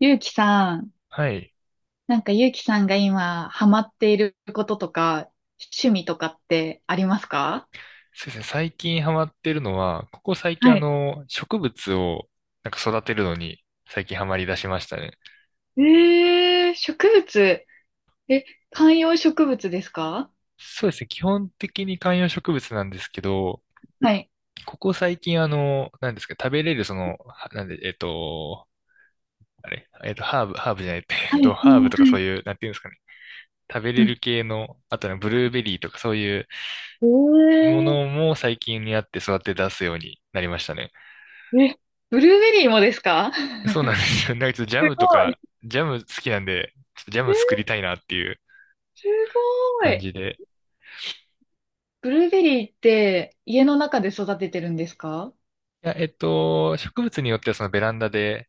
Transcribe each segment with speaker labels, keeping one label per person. Speaker 1: ゆうきさん、
Speaker 2: はい。
Speaker 1: なんかゆうきさんが今ハマっていることとか、趣味とかってありますか？
Speaker 2: そうですね。最近ハマってるのは、ここ最近
Speaker 1: はい。
Speaker 2: 植物をなんか育てるのに最近ハマり出しましたね。
Speaker 1: えー、植物。え、観葉植物ですか？
Speaker 2: そうですね。基本的に観葉植物なんですけど、
Speaker 1: はい。
Speaker 2: ここ最近なんですか、食べれるその、はなんで、あれ、ハーブ、ハーブじゃない、
Speaker 1: はい、はい、は
Speaker 2: ハーブとかそう
Speaker 1: い。
Speaker 2: いう、なんていうんですかね。食べれ
Speaker 1: う
Speaker 2: る
Speaker 1: ん。
Speaker 2: 系の、あとね、ブルーベリーとかそういうものも最近にあって育て出すようになりましたね。
Speaker 1: えー、え、ブルーベリーもですか？
Speaker 2: そう
Speaker 1: す
Speaker 2: なんですよ。なんかちょっとジャ
Speaker 1: ご
Speaker 2: ムと
Speaker 1: い。
Speaker 2: か、ジャム好きなんで、ちょっとジャ
Speaker 1: え
Speaker 2: ム作
Speaker 1: ー
Speaker 2: りたいなっていう
Speaker 1: すご
Speaker 2: 感
Speaker 1: い。
Speaker 2: じで。
Speaker 1: ブルーベリーって家の中で育ててるんですか？
Speaker 2: いや、植物によってはそのベランダで、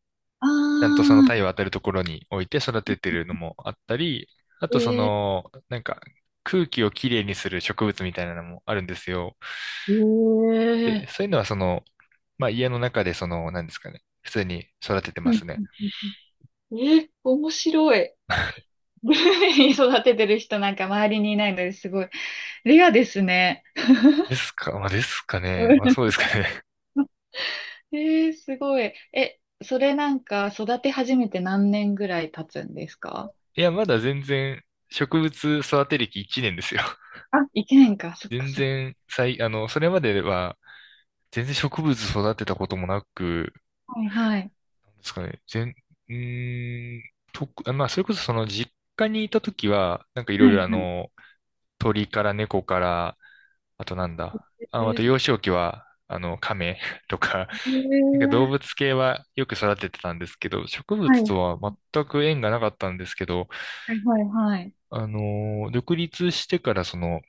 Speaker 2: ちゃんとそ
Speaker 1: あ
Speaker 2: の太陽当たるところに置いて育ててるのもあったり、あ
Speaker 1: ー、
Speaker 2: とそ
Speaker 1: えー、
Speaker 2: の、なんか空気をきれいにする植物みたいなのもあるんですよ。
Speaker 1: え
Speaker 2: で、
Speaker 1: ー、
Speaker 2: そういうのはその、まあ家の中でその、なんですかね、普通に育ててま
Speaker 1: うん
Speaker 2: す
Speaker 1: う
Speaker 2: ね。
Speaker 1: んうんうん、え、面白い。グルメに育ててる人なんか周りにいないのですごい、レアですね。
Speaker 2: ですか、まあですかね。まあそうで すかね。
Speaker 1: えー、すごい。え、それなんか育て始めて何年ぐらい経つんですか？
Speaker 2: いや、まだ全然植物育て歴1年ですよ。
Speaker 1: あ、1年か。そっか
Speaker 2: 全
Speaker 1: そっか。
Speaker 2: 然、それまでは、全然植物育てたこともなく、
Speaker 1: はいはい。
Speaker 2: なんですかね、全、うーん、とく、あまあ、それこそその実家にいた時は、なんかいろ
Speaker 1: は
Speaker 2: いろ
Speaker 1: いはい。
Speaker 2: 鳥から猫から、あとなんだ、
Speaker 1: え
Speaker 2: あ、あと
Speaker 1: ー、
Speaker 2: 幼少期は、亀 とか、
Speaker 1: え
Speaker 2: なんか動
Speaker 1: ー、
Speaker 2: 物系はよく育ててたんですけど、植
Speaker 1: は
Speaker 2: 物
Speaker 1: い
Speaker 2: とは全く縁がなかったんですけど、
Speaker 1: はいはいはい。
Speaker 2: 独立してからその、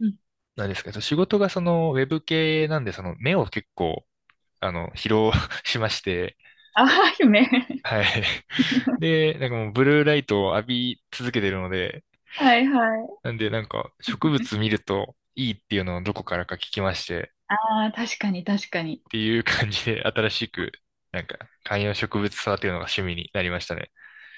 Speaker 1: うん。
Speaker 2: 何ですか、仕事がそのウェブ系なんで、その目を結構疲労 しまして、
Speaker 1: あ、夢。
Speaker 2: はい。で、なんかもうブルーライトを浴び続けてるので、
Speaker 1: はいはい。
Speaker 2: なんでなんか植物見るといいっていうのをどこからか聞きまして、
Speaker 1: ああ、確かに確かに。
Speaker 2: っていう感じで新しく、なんか観葉植物育てるのが趣味になりましたね。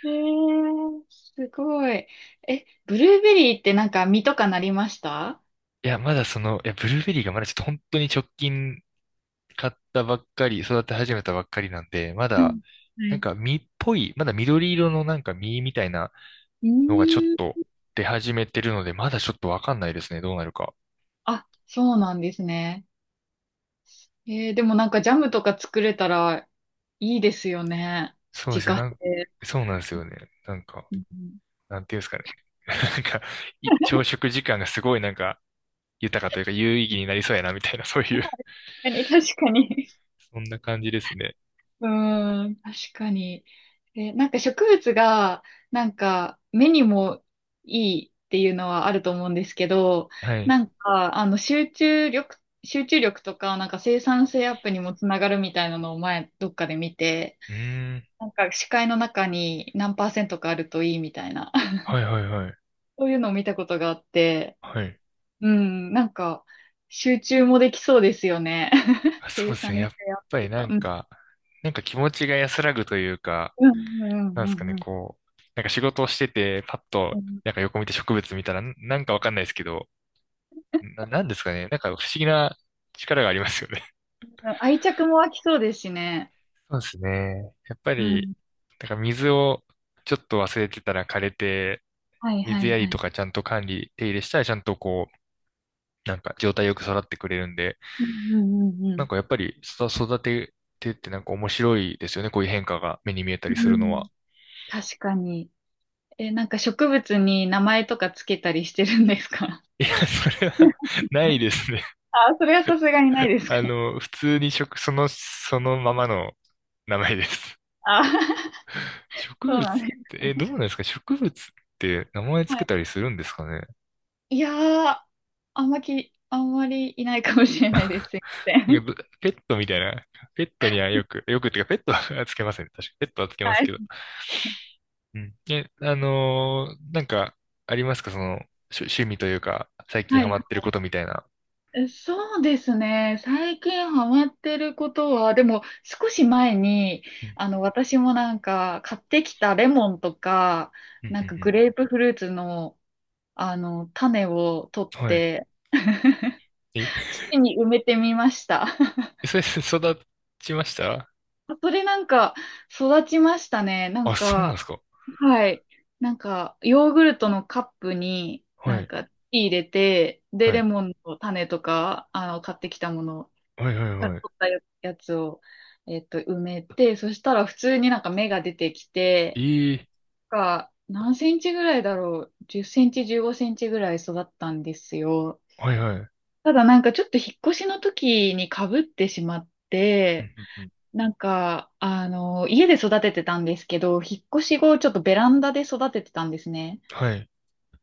Speaker 1: えー、すごい。え、ブルーベリーってなんか実とかなりました？
Speaker 2: いや、まだその、いや、ブルーベリーがまだちょっと本当に直近買ったばっかり、育て始めたばっかりなんで、ま
Speaker 1: は
Speaker 2: だ、
Speaker 1: い。は
Speaker 2: なん
Speaker 1: い。
Speaker 2: か実っぽい、まだ緑色のなんか実みたいな
Speaker 1: う
Speaker 2: のがちょっ
Speaker 1: ーん。
Speaker 2: と出始めてるので、まだちょっとわかんないですね、どうなるか。
Speaker 1: あ、そうなんですね。えー、でもなんかジャムとか作れたらいいですよね。
Speaker 2: そうで
Speaker 1: 自
Speaker 2: すよ。
Speaker 1: 家製。
Speaker 2: そうなんですよね。なんか、
Speaker 1: うん、
Speaker 2: なんていうんですかね。なんか、朝食時間がすごいなんか、豊かというか有意義になりそうやな、みたいな、そういう
Speaker 1: 確かに、確かに。
Speaker 2: そんな感じですね。
Speaker 1: うーん、確かに。えなんか植物が、なんか目にもいいっていうのはあると思うんですけど、
Speaker 2: はい。
Speaker 1: なんか集中力とか、なんか生産性アップにもつながるみたいなのを前どっかで見て、
Speaker 2: うーん。
Speaker 1: なんか視界の中に何パーセントかあるといいみたいな、
Speaker 2: はいはいはい。
Speaker 1: そういうのを見たことがあって、
Speaker 2: はい。
Speaker 1: うん、なんか、集中もできそうですよね。
Speaker 2: あ、そ
Speaker 1: 生
Speaker 2: うです
Speaker 1: 産
Speaker 2: ね。や
Speaker 1: 性
Speaker 2: っ
Speaker 1: アッ
Speaker 2: ぱ
Speaker 1: プ
Speaker 2: り
Speaker 1: と
Speaker 2: な
Speaker 1: か。
Speaker 2: ん
Speaker 1: うん、
Speaker 2: か、気持ちが安らぐというか、
Speaker 1: うん、うん、
Speaker 2: なんで
Speaker 1: う
Speaker 2: すか
Speaker 1: ん、
Speaker 2: ね、
Speaker 1: うん。
Speaker 2: こう、なんか仕事をしてて、パッ
Speaker 1: う
Speaker 2: と、
Speaker 1: ん、
Speaker 2: なんか横見て植物見たら、なんかわかんないですけど、なんですかね。なんか不思議な力がありますよね。
Speaker 1: 愛着も湧きそうですしね。
Speaker 2: そうですね。やっぱ
Speaker 1: う
Speaker 2: り、
Speaker 1: ん。
Speaker 2: だから水をちょっと忘れてたら枯れて、
Speaker 1: はい、は
Speaker 2: 水
Speaker 1: い、
Speaker 2: や
Speaker 1: は
Speaker 2: りと
Speaker 1: い。
Speaker 2: かちゃんと管理、手入れしたらちゃんとこう、なんか状態よく育ってくれるんで、
Speaker 1: うん、うん、う
Speaker 2: なん
Speaker 1: ん、
Speaker 2: かやっぱり育ててってなんか面白いですよね。こういう変化が目に見えた
Speaker 1: う
Speaker 2: りす
Speaker 1: ん。う
Speaker 2: るの
Speaker 1: ん、
Speaker 2: は。
Speaker 1: 確かに。え、なんか植物に名前とかつけたりしてるんですか？
Speaker 2: いや、それは ないですね。
Speaker 1: あ、それはさすがにないですか？
Speaker 2: 普通にその、そのままの名前です。
Speaker 1: あ、
Speaker 2: 植
Speaker 1: そう
Speaker 2: 物っ
Speaker 1: なんです。
Speaker 2: て、え、どうなんですか植物って名前つ
Speaker 1: は
Speaker 2: け
Speaker 1: い。
Speaker 2: たりするんですかね。
Speaker 1: いやー、あんまき、あんまりいないかもしれないです。すいませ
Speaker 2: なん
Speaker 1: ん。
Speaker 2: かペットみたいな、ペットにはよく、よくっていうか、ペットは つけませんね。確かペットはつけ ま
Speaker 1: は
Speaker 2: すけど。
Speaker 1: い。
Speaker 2: うん。え、なんか、ありますかその、趣味というか、最近
Speaker 1: は
Speaker 2: ハ
Speaker 1: い。
Speaker 2: マってることみたいな。
Speaker 1: え、そうですね。最近ハマってることは、でも少し前に、
Speaker 2: うん、
Speaker 1: 私もなんか買ってきたレモンとか、
Speaker 2: うん、
Speaker 1: な
Speaker 2: う
Speaker 1: んかグ
Speaker 2: ん
Speaker 1: レープフルーツの、種を取っ
Speaker 2: うん。はい。
Speaker 1: て、
Speaker 2: え、
Speaker 1: 土に埋めてみました。
Speaker 2: え、それ、育ちました？
Speaker 1: それなんか育ちましたね。なん
Speaker 2: あ、そうなん
Speaker 1: か、
Speaker 2: ですか。
Speaker 1: はい。なんか、ヨーグルトのカップに
Speaker 2: は
Speaker 1: なん
Speaker 2: い、
Speaker 1: か入れて、で、
Speaker 2: は
Speaker 1: レ
Speaker 2: い。
Speaker 1: モンの種とか、買ってきたものを
Speaker 2: はい、はい、
Speaker 1: から
Speaker 2: はい。
Speaker 1: 取ったややつを、埋めて、そしたら普通になんか芽が出てきて、
Speaker 2: いい。
Speaker 1: が何センチぐらいだろう、10センチ、15センチぐらい育ったんですよ。
Speaker 2: はい、はい。うん、
Speaker 1: ただなんかちょっと引っ越しの時に被ってしまっ
Speaker 2: う
Speaker 1: て、
Speaker 2: ん、うん。
Speaker 1: なんか、家で育ててたんですけど、引っ越し後ちょっとベランダで育ててたんですね。
Speaker 2: はい。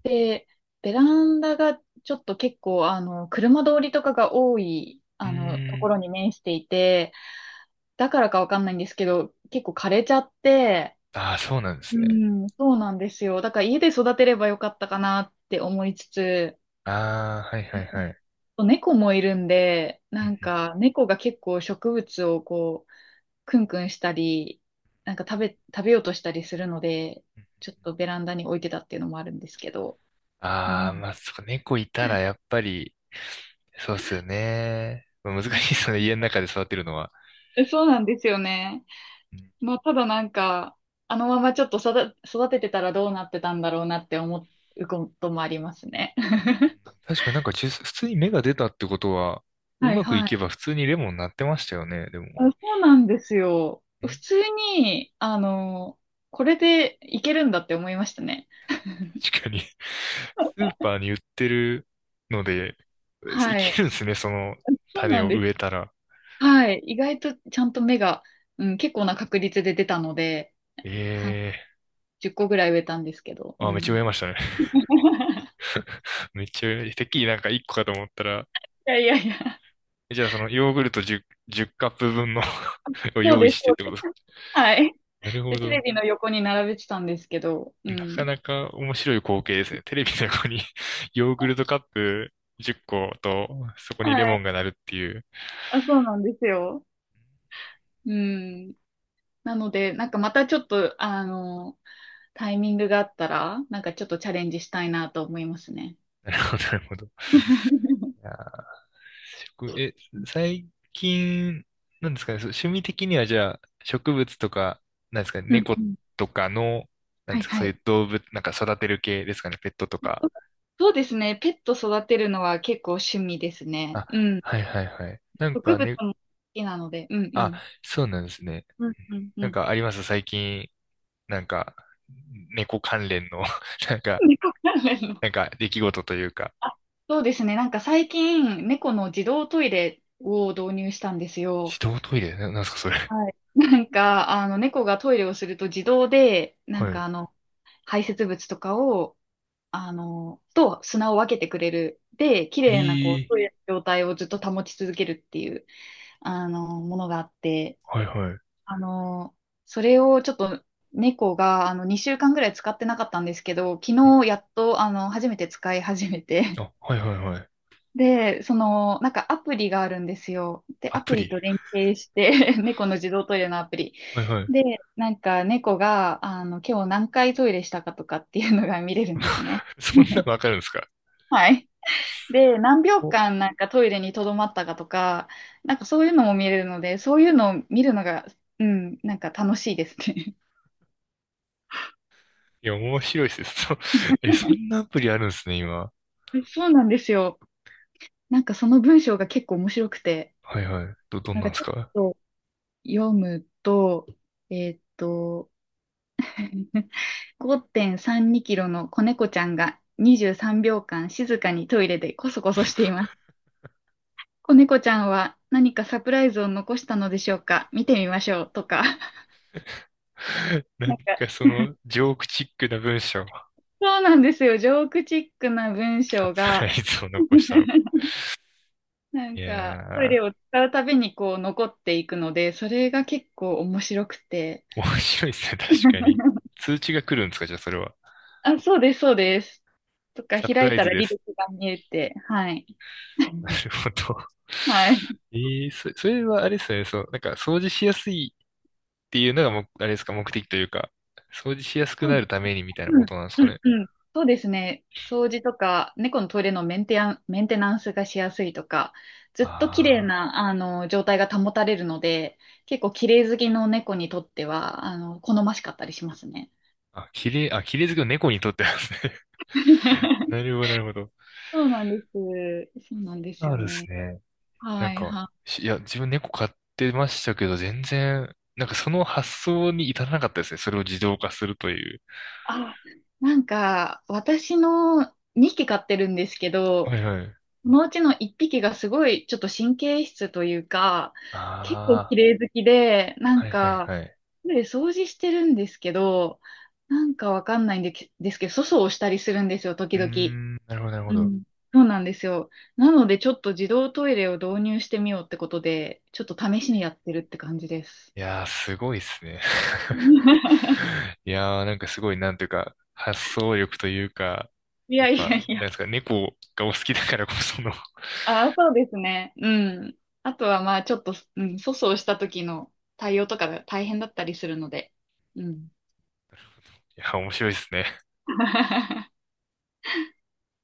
Speaker 1: で、ベランダがちょっと結構、車通りとかが多い、
Speaker 2: う
Speaker 1: と
Speaker 2: ー
Speaker 1: こ
Speaker 2: ん。
Speaker 1: ろに面していて、だからかわかんないんですけど、結構枯れちゃって、
Speaker 2: ああ、そうなんで
Speaker 1: う
Speaker 2: すね。
Speaker 1: ん。そうなんですよ。だから家で育てればよかったかなって思いつつ、
Speaker 2: ああ、はい、はい、はい。
Speaker 1: 猫もいるんで、
Speaker 2: うん
Speaker 1: なん
Speaker 2: うん
Speaker 1: か猫が結構植物をこう、クンクンしたり、なんか食べようとしたりするので、
Speaker 2: うん。
Speaker 1: ちょっとベランダに置いてたっていうのもあるんですけど。う
Speaker 2: ああ、
Speaker 1: ん。
Speaker 2: まあ、そう、猫いたらやっぱり、そうっすよね。まあ、難しいですよね、家の中で育てるのは。
Speaker 1: え、そうなんですよね。
Speaker 2: うん。
Speaker 1: まあ、ただなんか、あのままちょっと育ててたらどうなってたんだろうなって思うこともありますね。
Speaker 2: 確かになんか普通に芽が出たってことは、う
Speaker 1: はい
Speaker 2: まくい
Speaker 1: は
Speaker 2: け
Speaker 1: い。
Speaker 2: ば普通にレモンなってましたよね、でも。
Speaker 1: あ、そうなんですよ。
Speaker 2: うん。
Speaker 1: 普通に、これでいけるんだって思いましたね。
Speaker 2: 確かに スーパーに売ってるので、い
Speaker 1: は
Speaker 2: け
Speaker 1: い。
Speaker 2: るんですね、その
Speaker 1: そう
Speaker 2: 種
Speaker 1: なん
Speaker 2: を
Speaker 1: です。
Speaker 2: 植えたら。
Speaker 1: はい。意外とちゃんと芽が、うん、結構な確率で出たので、はい、
Speaker 2: ええ。
Speaker 1: 10個ぐらい植えたんですけど。う
Speaker 2: あ、めっちゃ植
Speaker 1: ん。
Speaker 2: えましたね。めっちゃ植え、てっきりなんか一個かと思ったら、
Speaker 1: いやいやいや、
Speaker 2: じゃあそのヨーグルト1 10カップ分の を
Speaker 1: そう
Speaker 2: 用意
Speaker 1: です、
Speaker 2: して
Speaker 1: そ
Speaker 2: っ
Speaker 1: う
Speaker 2: てこ
Speaker 1: で
Speaker 2: と
Speaker 1: す。
Speaker 2: ですか？
Speaker 1: はい。
Speaker 2: なるほ
Speaker 1: で、テレ
Speaker 2: ど。
Speaker 1: ビの横に並べてたんですけど、う
Speaker 2: なか
Speaker 1: ん。
Speaker 2: なか面白い光景ですね。テレビの横に ヨーグルトカップ10個と、そこにレ
Speaker 1: は
Speaker 2: モ
Speaker 1: い。
Speaker 2: ンがなるっていう。
Speaker 1: あ、そうなんですよ。うん。なので、なんかまたちょっと、タイミングがあったら、なんかちょっとチャレンジしたいなと思いますね。
Speaker 2: なるほど、なるほど。いやー、え、最近、なんですかね、そう趣味的にはじゃあ、植物とか、なんですかね、
Speaker 1: うん
Speaker 2: 猫
Speaker 1: うん。
Speaker 2: とかの、なん
Speaker 1: は
Speaker 2: で
Speaker 1: い
Speaker 2: すか、
Speaker 1: は
Speaker 2: そうい
Speaker 1: い。
Speaker 2: う動物、なんか育てる系ですかね、ペットとか。
Speaker 1: そうですね。ペット育てるのは結構趣味ですね。
Speaker 2: あ、
Speaker 1: うん。
Speaker 2: はいはいはい。なん
Speaker 1: 植
Speaker 2: か
Speaker 1: 物
Speaker 2: ね、
Speaker 1: も好きなので。うんう
Speaker 2: あ、
Speaker 1: ん。
Speaker 2: そうなんですね。
Speaker 1: うんうん
Speaker 2: な
Speaker 1: う
Speaker 2: ん
Speaker 1: ん。
Speaker 2: かあります最近、なんか、猫関連の なんか、
Speaker 1: 猫関連の。
Speaker 2: なんか、出来事というか。
Speaker 1: あ、そうですね。なんか最近、猫の自動トイレを導入したんです
Speaker 2: 自
Speaker 1: よ。
Speaker 2: 動トイレなんすか、それ。
Speaker 1: はい。なんか、猫がトイレをすると自動で、なん
Speaker 2: はい。
Speaker 1: か排泄物とかを、と砂を分けてくれる。で、綺
Speaker 2: え
Speaker 1: 麗なこう、
Speaker 2: え
Speaker 1: そ
Speaker 2: ー。
Speaker 1: ういう状態をずっと保ち続けるっていう、ものがあって、
Speaker 2: はいはい。
Speaker 1: あの、それをちょっと猫が、2週間ぐらい使ってなかったんですけど、昨日やっと、初めて使い始めて、
Speaker 2: あ、はいはいはい。
Speaker 1: で、その、なんかアプリがあるんですよ。で、
Speaker 2: ア
Speaker 1: ア
Speaker 2: プ
Speaker 1: プリ
Speaker 2: リ。
Speaker 1: と連携して 猫の自動トイレのアプリ。
Speaker 2: はいはい。
Speaker 1: で、なんか猫が、今日何回トイレしたかとかっていうのが見れるんですね。
Speaker 2: そんな のわかるんですか？
Speaker 1: はい。で、何秒
Speaker 2: お、
Speaker 1: 間なんかトイレに留まったかとか、なんかそういうのも見れるので、そういうのを見るのが、うん、なんか楽しいですね。
Speaker 2: いや、面白いですね。そんなアプリあるんですね、今。
Speaker 1: そうなんですよ。なんかその文章が結構面白くて、
Speaker 2: はいはい。どん
Speaker 1: なん
Speaker 2: なん
Speaker 1: か
Speaker 2: です
Speaker 1: ちょっ
Speaker 2: か？
Speaker 1: と読むと、えーっと、5.32キロの子猫ちゃんが23秒間静かにトイレでコソコソしています。子猫ちゃんは何かサプライズを残したのでしょうか、見てみましょうとか。
Speaker 2: な
Speaker 1: な
Speaker 2: ん
Speaker 1: んか、
Speaker 2: かその、ジョークチックな文章、
Speaker 1: そうなんですよ。ジョークチックな文
Speaker 2: サ
Speaker 1: 章
Speaker 2: プラ
Speaker 1: が、
Speaker 2: イズを残したのか。
Speaker 1: なん
Speaker 2: い
Speaker 1: か、トイレ
Speaker 2: やー、
Speaker 1: を使うたびにこう残っていくので、それが結構面白くて。
Speaker 2: 面白いですね、確かに。通知が来るんですか、じゃあそれは。
Speaker 1: あ、そうです、そうです。とか、
Speaker 2: サプ
Speaker 1: 開
Speaker 2: ラ
Speaker 1: い
Speaker 2: イ
Speaker 1: た
Speaker 2: ズ
Speaker 1: ら
Speaker 2: で
Speaker 1: 履
Speaker 2: す。
Speaker 1: 歴が見えて、はい。
Speaker 2: な るほど。
Speaker 1: はい。
Speaker 2: ええ、それはあれですよね。そう、なんか掃除しやすいっていうのがも、あれですか、目的というか、掃除しやすく
Speaker 1: そ
Speaker 2: な
Speaker 1: う、
Speaker 2: るためにみたいな
Speaker 1: う
Speaker 2: こ
Speaker 1: ん、
Speaker 2: となんです
Speaker 1: う
Speaker 2: か
Speaker 1: ん、
Speaker 2: ね。
Speaker 1: うん。そうですね。掃除とか、猫のトイレのメンテナンスがしやすいとか、ずっと綺麗
Speaker 2: あ
Speaker 1: な、状態が保たれるので、結構綺麗好きの猫にとっては、好ましかったりしますね。
Speaker 2: あ、あ、綺麗、あ、綺麗好きの猫にとってはですね。なるほど、なるほど。
Speaker 1: そうなんです。そうなんです
Speaker 2: あ
Speaker 1: よ
Speaker 2: るです
Speaker 1: ね。
Speaker 2: ね。なん
Speaker 1: はい
Speaker 2: か、
Speaker 1: はい。
Speaker 2: いや、自分猫飼ってましたけど、全然、なんかその発想に至らなかったですね。それを自動化するという。
Speaker 1: あ、なんか、私の2匹飼ってるんですけ
Speaker 2: は
Speaker 1: ど、
Speaker 2: いはい。
Speaker 1: そのうちの1匹がすごいちょっと神経質というか、結構綺
Speaker 2: あ
Speaker 1: 麗好きで、な
Speaker 2: あ、は
Speaker 1: ん
Speaker 2: いはい
Speaker 1: か、
Speaker 2: はい。
Speaker 1: で掃除してるんですけど、なんかわかんないんでけですけど、粗相をしたりするんですよ、時
Speaker 2: うー
Speaker 1: 々。
Speaker 2: ん、なるほど、なるほ
Speaker 1: う
Speaker 2: ど。
Speaker 1: ん。そうなんですよ。なので、ちょっと自動トイレを導入してみようってことで、ちょっと試しにやってるって感じです。
Speaker 2: いやー、すごいですね。いやー、なんかすごい、なんていうか、発想力というか、
Speaker 1: い
Speaker 2: や
Speaker 1: や
Speaker 2: っ
Speaker 1: い
Speaker 2: ぱ、
Speaker 1: やいや。
Speaker 2: なんですか、猫がお好きだからこその、い
Speaker 1: ああ、そうですね。うん。あとはまあちょっと、うん、粗相した時の対応とかが大変だったりするので。うん。
Speaker 2: や、面白いですね。